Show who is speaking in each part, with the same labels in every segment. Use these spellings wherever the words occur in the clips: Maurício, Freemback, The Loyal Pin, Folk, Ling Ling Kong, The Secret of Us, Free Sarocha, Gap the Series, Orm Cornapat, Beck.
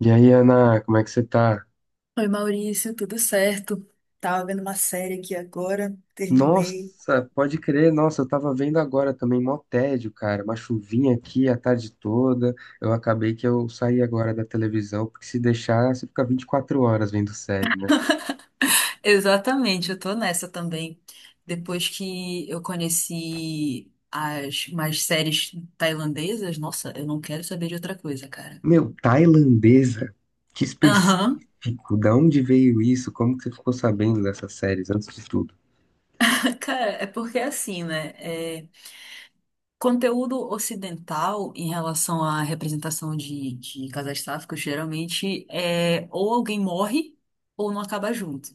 Speaker 1: E aí, Ana, como é que você tá?
Speaker 2: Oi, Maurício, tudo certo? Tava vendo uma série aqui agora,
Speaker 1: Nossa,
Speaker 2: terminei.
Speaker 1: pode crer, nossa, eu tava vendo agora também, mó tédio, cara, uma chuvinha aqui a tarde toda, eu acabei que eu saí agora da televisão, porque se deixar, você fica 24 horas vendo série, né?
Speaker 2: Exatamente, eu tô nessa também. Depois que eu conheci as mais séries tailandesas, nossa, eu não quero saber de outra coisa, cara.
Speaker 1: Meu, tailandesa, que
Speaker 2: Aham.
Speaker 1: específico, da onde veio isso? Como que você ficou sabendo dessas séries, antes de tudo?
Speaker 2: Cara, é porque é assim, né? É, conteúdo ocidental em relação à representação de casais sáficos, geralmente é ou alguém morre ou não acaba junto.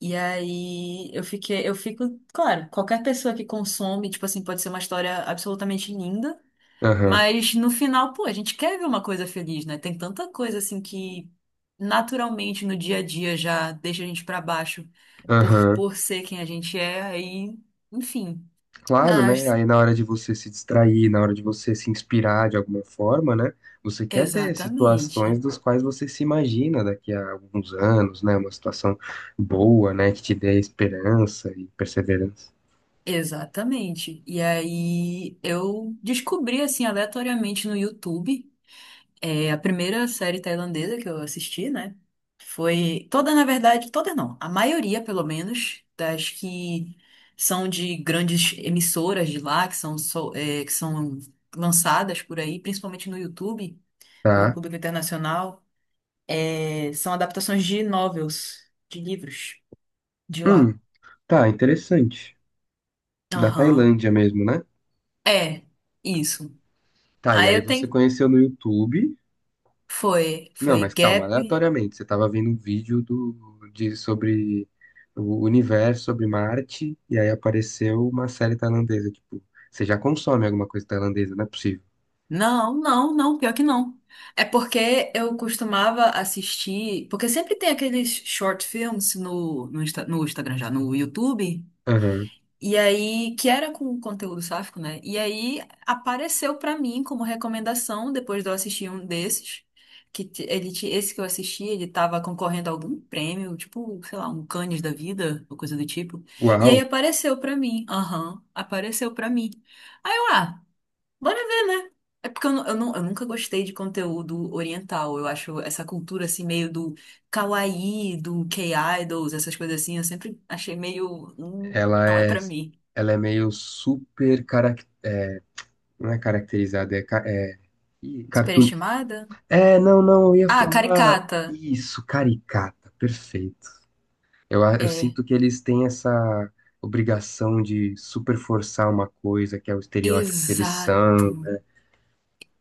Speaker 2: E aí eu fico, claro, qualquer pessoa que consome, tipo assim, pode ser uma história absolutamente linda,
Speaker 1: Aham,
Speaker 2: mas no final, pô, a gente quer ver uma coisa feliz, né? Tem tanta coisa assim que naturalmente no dia a dia já deixa a gente pra baixo por
Speaker 1: aham.
Speaker 2: por ser quem a gente é, aí, enfim.
Speaker 1: Claro, né?
Speaker 2: Mas
Speaker 1: Aí na hora de você se distrair, na hora de você se inspirar de alguma forma, né? Você quer ter
Speaker 2: exatamente.
Speaker 1: situações das quais você se imagina daqui a alguns anos, né? Uma situação boa, né? Que te dê esperança e perseverança.
Speaker 2: Exatamente. E aí eu descobri assim aleatoriamente no YouTube. É, a primeira série tailandesa que eu assisti, né? Foi toda, na verdade, toda não, a maioria, pelo menos, das que são de grandes emissoras de lá, que são lançadas por aí, principalmente no YouTube, para o
Speaker 1: Tá?
Speaker 2: público internacional, são adaptações de novels, de livros de lá.
Speaker 1: Hum, tá, interessante. Da
Speaker 2: Aham.
Speaker 1: Tailândia mesmo, né?
Speaker 2: É, isso.
Speaker 1: Tá, e
Speaker 2: Aí
Speaker 1: aí
Speaker 2: eu
Speaker 1: você
Speaker 2: tenho.
Speaker 1: conheceu no YouTube.
Speaker 2: Foi,
Speaker 1: Não,
Speaker 2: foi
Speaker 1: mas calma,
Speaker 2: Gap.
Speaker 1: aleatoriamente, você estava vendo um vídeo do, de, sobre o universo, sobre Marte, e aí apareceu uma série tailandesa. Tipo, você já consome alguma coisa tailandesa, não é possível.
Speaker 2: Não, não, não, pior que não. É porque eu costumava assistir, porque sempre tem aqueles short films no Instagram já, no YouTube,
Speaker 1: Aham.
Speaker 2: e aí, que era com conteúdo sáfico, né? E aí apareceu pra mim como recomendação, depois de eu assistir um desses, que t- ele, ti- esse que eu assisti, ele tava concorrendo a algum prêmio, tipo, sei lá, um Cannes da vida, ou coisa do tipo. E
Speaker 1: Uau,
Speaker 2: aí apareceu pra mim, aham, apareceu pra mim. Aí eu, ah, Bora ver, né? É porque eu nunca gostei de conteúdo oriental. Eu acho essa cultura assim, meio do kawaii, do K-idols, essas coisas assim, eu sempre achei meio.
Speaker 1: ela
Speaker 2: Não é
Speaker 1: é,
Speaker 2: pra mim."
Speaker 1: ela é meio super carac, não é caracterizada, é, ca- é Ih, cartoon.
Speaker 2: Superestimada?
Speaker 1: É, não, não, eu ia
Speaker 2: Ah,
Speaker 1: falar
Speaker 2: caricata.
Speaker 1: isso, caricata, perfeito. Eu, a- eu
Speaker 2: É.
Speaker 1: sinto que eles têm essa obrigação de super forçar uma coisa que é o estereótipo que eles
Speaker 2: Exato.
Speaker 1: são, né?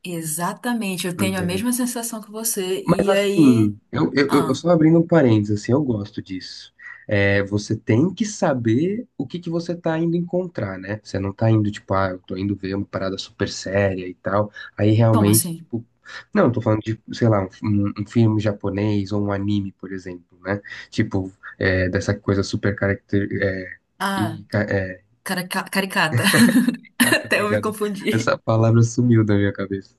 Speaker 2: Exatamente. Eu tenho a
Speaker 1: É.
Speaker 2: mesma sensação que você.
Speaker 1: Mas
Speaker 2: E aí.
Speaker 1: assim, eu
Speaker 2: Ah,
Speaker 1: só abrindo um parênteses, assim, eu gosto disso. É, você tem que saber o que que você tá indo encontrar, né? Você não tá indo, tipo, ah, eu tô indo ver uma parada super séria e tal. Aí
Speaker 2: como
Speaker 1: realmente,
Speaker 2: assim?
Speaker 1: tipo, não, eu tô falando de, sei lá, um filme japonês ou um anime, por exemplo, né? Tipo, é, dessa coisa super caracter, é,
Speaker 2: Ah,
Speaker 1: e,
Speaker 2: caricata.
Speaker 1: Caricato,
Speaker 2: Até eu me
Speaker 1: obrigado.
Speaker 2: confundi.
Speaker 1: Essa palavra sumiu da minha cabeça.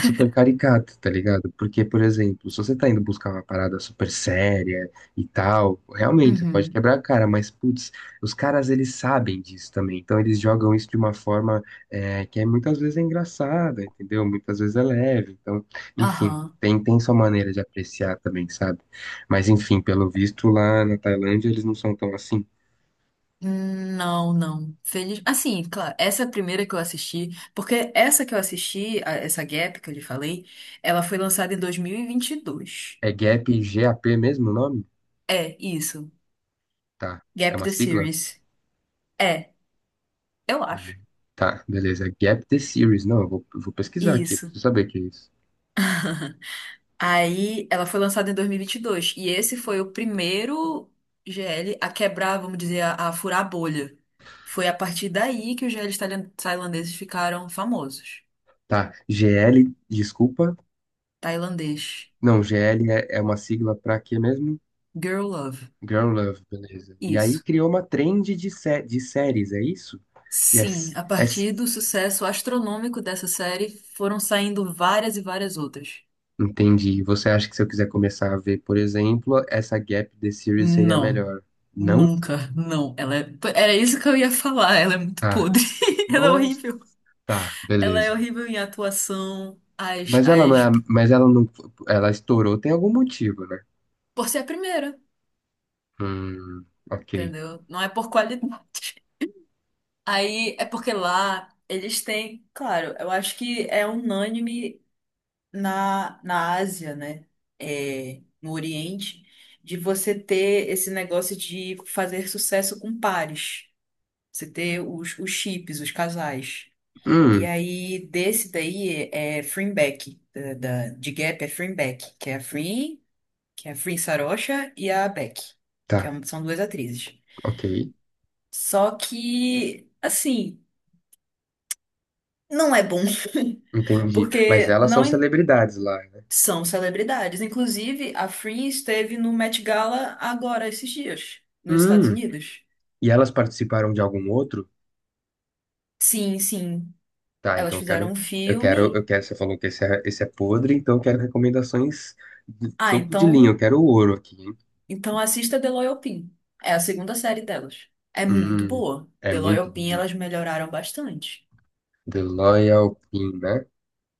Speaker 1: Super caricato, tá ligado? Porque, por exemplo, se você tá indo buscar uma parada super séria e tal, realmente você pode
Speaker 2: Uhum.
Speaker 1: quebrar a cara, mas, putz, os caras eles sabem disso também. Então eles jogam isso de uma forma é, que é, muitas vezes é engraçada, entendeu? Muitas vezes é leve. Então, enfim,
Speaker 2: Aham.
Speaker 1: tem, tem sua maneira de apreciar também, sabe? Mas, enfim, pelo visto lá na Tailândia eles não são tão assim.
Speaker 2: Não, não. Feliz. Assim, claro, essa é primeira que eu assisti, porque essa que eu assisti, essa Gap que eu lhe falei, ela foi lançada em dois mil e vinte e dois.
Speaker 1: É GAP, GAP mesmo o nome?
Speaker 2: É, isso.
Speaker 1: Tá. É
Speaker 2: Gap
Speaker 1: uma
Speaker 2: the
Speaker 1: sigla?
Speaker 2: Series. É, eu acho.
Speaker 1: Beleza. Tá, beleza. Gap the Series. Não, eu vou pesquisar aqui,
Speaker 2: Isso.
Speaker 1: preciso saber o que é isso.
Speaker 2: Aí, ela foi lançada em dois mil e vinte e dois. E esse foi o primeiro GL a quebrar, vamos dizer, a furar a bolha. Foi a partir daí que os GLs tailandeses ficaram famosos.
Speaker 1: Tá, GL, desculpa.
Speaker 2: Tailandês.
Speaker 1: Não, GL é, é uma sigla pra quê mesmo?
Speaker 2: Girl Love.
Speaker 1: Girl Love, beleza. E aí
Speaker 2: Isso.
Speaker 1: criou uma trend de, sé de séries, é isso?
Speaker 2: Sim,
Speaker 1: Yes,
Speaker 2: a partir
Speaker 1: yes.
Speaker 2: do sucesso astronômico dessa série, foram saindo várias e várias outras.
Speaker 1: Entendi. Você acha que se eu quiser começar a ver, por exemplo, essa Gap the Series seria
Speaker 2: Não,
Speaker 1: melhor? Não?
Speaker 2: nunca, não. Era isso que eu ia falar. Ela é muito
Speaker 1: Tá.
Speaker 2: podre. Ela é
Speaker 1: Nossa.
Speaker 2: horrível.
Speaker 1: Tá,
Speaker 2: Ela é
Speaker 1: beleza.
Speaker 2: horrível em atuação, as,
Speaker 1: Mas ela não é, a-
Speaker 2: as...
Speaker 1: mas ela não, ela estourou, tem algum motivo, né?
Speaker 2: por ser a primeira,
Speaker 1: Ok.
Speaker 2: entendeu? Não é por qualidade. Aí é porque lá eles têm, claro, eu acho que é unânime na Ásia, né? É, no Oriente, de você ter esse negócio de fazer sucesso com pares. Você ter os chips, os casais. E
Speaker 1: Hum.
Speaker 2: aí, desse daí é Freemback, de Gap é Freemback, que é a Free, que é a Free Sarocha e a Beck, que é
Speaker 1: Tá,
Speaker 2: são duas atrizes.
Speaker 1: ok,
Speaker 2: Só que, assim, não é bom.
Speaker 1: entendi. Mas
Speaker 2: Porque
Speaker 1: elas são
Speaker 2: não,
Speaker 1: celebridades lá, né?
Speaker 2: são celebridades. Inclusive, a Free esteve no Met Gala agora, esses dias, nos Estados
Speaker 1: Hum,
Speaker 2: Unidos.
Speaker 1: e elas participaram de algum outro?
Speaker 2: Sim, sim.
Speaker 1: Tá,
Speaker 2: Elas
Speaker 1: então eu
Speaker 2: fizeram
Speaker 1: quero,
Speaker 2: um
Speaker 1: eu quero,
Speaker 2: filme.
Speaker 1: eu quero, você falou que esse é podre, então eu quero recomendações de
Speaker 2: Ah,
Speaker 1: topo de linha, eu
Speaker 2: então,
Speaker 1: quero ouro aqui, hein?
Speaker 2: então assista The Loyal Pin. É a segunda série delas. É muito
Speaker 1: Hum,
Speaker 2: boa.
Speaker 1: é
Speaker 2: The
Speaker 1: muito
Speaker 2: Loyal Pin,
Speaker 1: boa.
Speaker 2: elas melhoraram bastante.
Speaker 1: The Loyal Pin, né?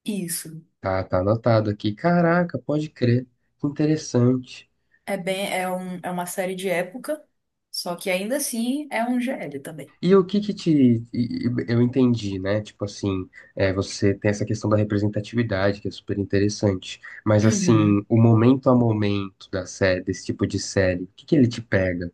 Speaker 2: Isso.
Speaker 1: Tá, tá anotado aqui. Caraca, pode crer. Que interessante.
Speaker 2: É uma série de época, só que ainda assim é um GL também.
Speaker 1: E o que que te. E- Eu entendi, né? Tipo assim, é, você tem essa questão da representatividade, que é super interessante. Mas assim,
Speaker 2: Uhum.
Speaker 1: o momento a momento da série, desse tipo de série, o que que ele te pega?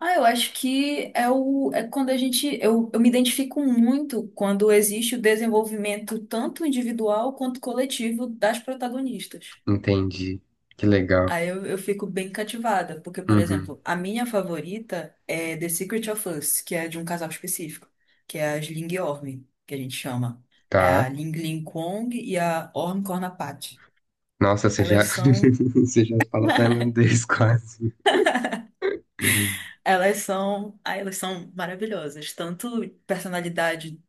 Speaker 2: Ah, eu acho que é o é quando eu me identifico muito quando existe o desenvolvimento tanto individual quanto coletivo das protagonistas.
Speaker 1: Entendi. Que legal.
Speaker 2: Aí eu fico bem cativada, porque, por
Speaker 1: Uhum.
Speaker 2: exemplo, a minha favorita é The Secret of Us, que é de um casal específico, que é as Ling e Orm, que a gente chama. É a
Speaker 1: Tá.
Speaker 2: Ling Ling Kong e a Orm Cornapat.
Speaker 1: Nossa, você já,
Speaker 2: Elas são.
Speaker 1: você já fala tailandês quase.
Speaker 2: Elas são maravilhosas, tanto personalidade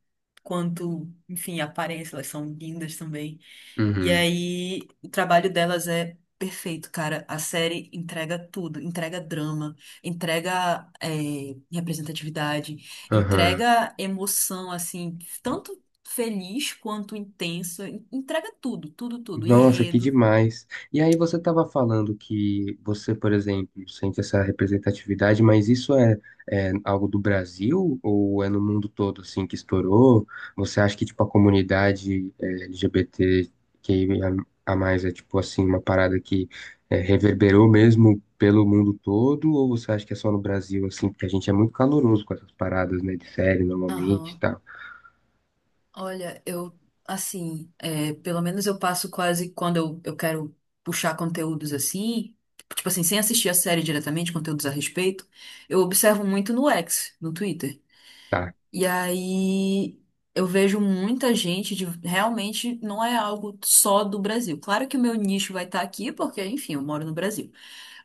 Speaker 2: quanto, enfim, aparência, elas são lindas também. E
Speaker 1: Uhum.
Speaker 2: aí, o trabalho delas é perfeito, cara. A série entrega tudo, entrega drama, entrega representatividade,
Speaker 1: Aham.
Speaker 2: entrega emoção, assim, tanto feliz quanto intensa, entrega tudo, tudo, tudo,
Speaker 1: Nossa, que
Speaker 2: enredo.
Speaker 1: demais. E aí você estava falando que você, por exemplo, sente essa representatividade, mas isso é, é algo do Brasil ou é no mundo todo assim que estourou? Você acha que tipo a comunidade é, LGBT que a mais é tipo assim uma parada que é, reverberou mesmo pelo mundo todo ou você acha que é só no Brasil assim, porque a gente é muito caloroso com essas paradas, né, de série normalmente, e
Speaker 2: Aham.
Speaker 1: tal.
Speaker 2: Olha, eu, assim, pelo menos eu passo quase quando eu quero puxar conteúdos assim, tipo assim, sem assistir a série diretamente, conteúdos a respeito, eu observo muito no X, no Twitter.
Speaker 1: Tá.
Speaker 2: E aí eu vejo muita gente realmente não é algo só do Brasil. Claro que o meu nicho vai estar aqui, porque, enfim, eu moro no Brasil.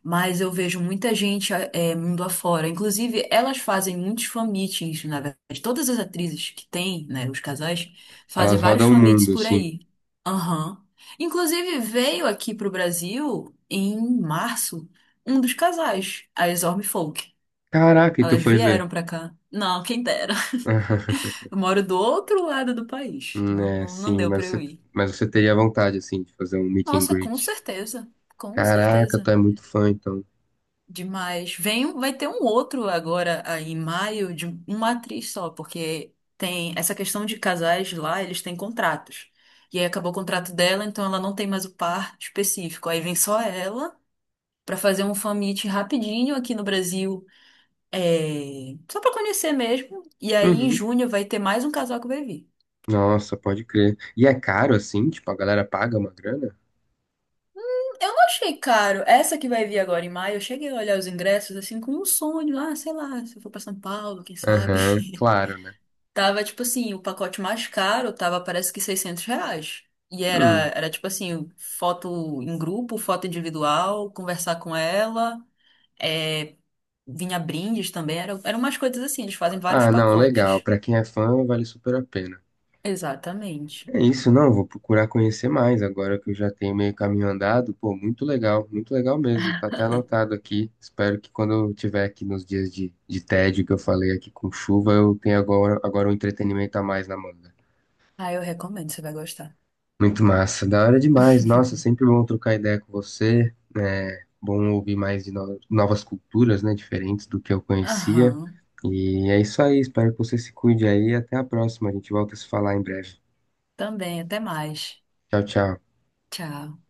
Speaker 2: Mas eu vejo muita gente mundo afora. Inclusive, elas fazem muitos fan-meetings, na verdade. Todas as atrizes que têm, né, os casais, fazem
Speaker 1: Elas
Speaker 2: vários
Speaker 1: rodam o
Speaker 2: fan-meets
Speaker 1: mundo
Speaker 2: por
Speaker 1: assim.
Speaker 2: aí. Aham. Inclusive, veio aqui pro Brasil, em março, um dos casais, a as Folk.
Speaker 1: Caraca, e tu
Speaker 2: Elas
Speaker 1: foi ver?
Speaker 2: vieram pra cá. Não, quem dera. Eu moro do outro lado do país. Não,
Speaker 1: É,
Speaker 2: não, não
Speaker 1: sim,
Speaker 2: deu pra eu ir.
Speaker 1: mas você teria vontade, assim, de fazer um meet and
Speaker 2: Nossa, com
Speaker 1: greet.
Speaker 2: certeza. Com
Speaker 1: Caraca,
Speaker 2: certeza.
Speaker 1: tu é muito fã, então.
Speaker 2: Demais. Vem, vai ter um outro agora aí em maio de uma atriz só, porque tem essa questão de casais lá, eles têm contratos. E aí acabou o contrato dela, então ela não tem mais o par específico. Aí vem só ela pra fazer um fan meet rapidinho aqui no Brasil, só pra conhecer mesmo. E aí em
Speaker 1: Uhum.
Speaker 2: junho vai ter mais um casal que vai vir.
Speaker 1: Nossa, pode crer. E é caro, assim? Tipo, a galera paga uma grana?
Speaker 2: Eu não achei caro. Essa que vai vir agora em maio, eu cheguei a olhar os ingressos assim com um sonho, ah, sei lá, se eu for pra São Paulo, quem sabe.
Speaker 1: Aham, claro, né?
Speaker 2: Tava, tipo assim, o pacote mais caro tava, parece que R$ 600. E era,
Speaker 1: Hum.
Speaker 2: era tipo assim, foto em grupo, foto individual, conversar com ela, é, vinha brindes também, eram umas coisas assim, eles fazem vários
Speaker 1: Ah, não, legal.
Speaker 2: pacotes.
Speaker 1: Pra quem é fã, vale super a pena.
Speaker 2: Exatamente.
Speaker 1: É isso, não, vou procurar conhecer mais agora que eu já tenho meio caminho andado. Pô, muito legal mesmo. Tá até anotado aqui. Espero que quando eu tiver aqui nos dias de tédio que eu falei aqui com chuva, eu tenha agora, agora um entretenimento a mais na mão.
Speaker 2: Ah, eu recomendo, você vai gostar.
Speaker 1: Muito massa, da hora demais. Nossa, sempre bom trocar ideia com você. É bom ouvir mais de no- novas culturas, né, diferentes do que eu conhecia.
Speaker 2: Aham,
Speaker 1: E é isso aí, espero que você se cuide aí. Até a próxima, a gente volta a se falar em breve.
Speaker 2: também, até mais.
Speaker 1: Tchau, tchau.
Speaker 2: Tchau.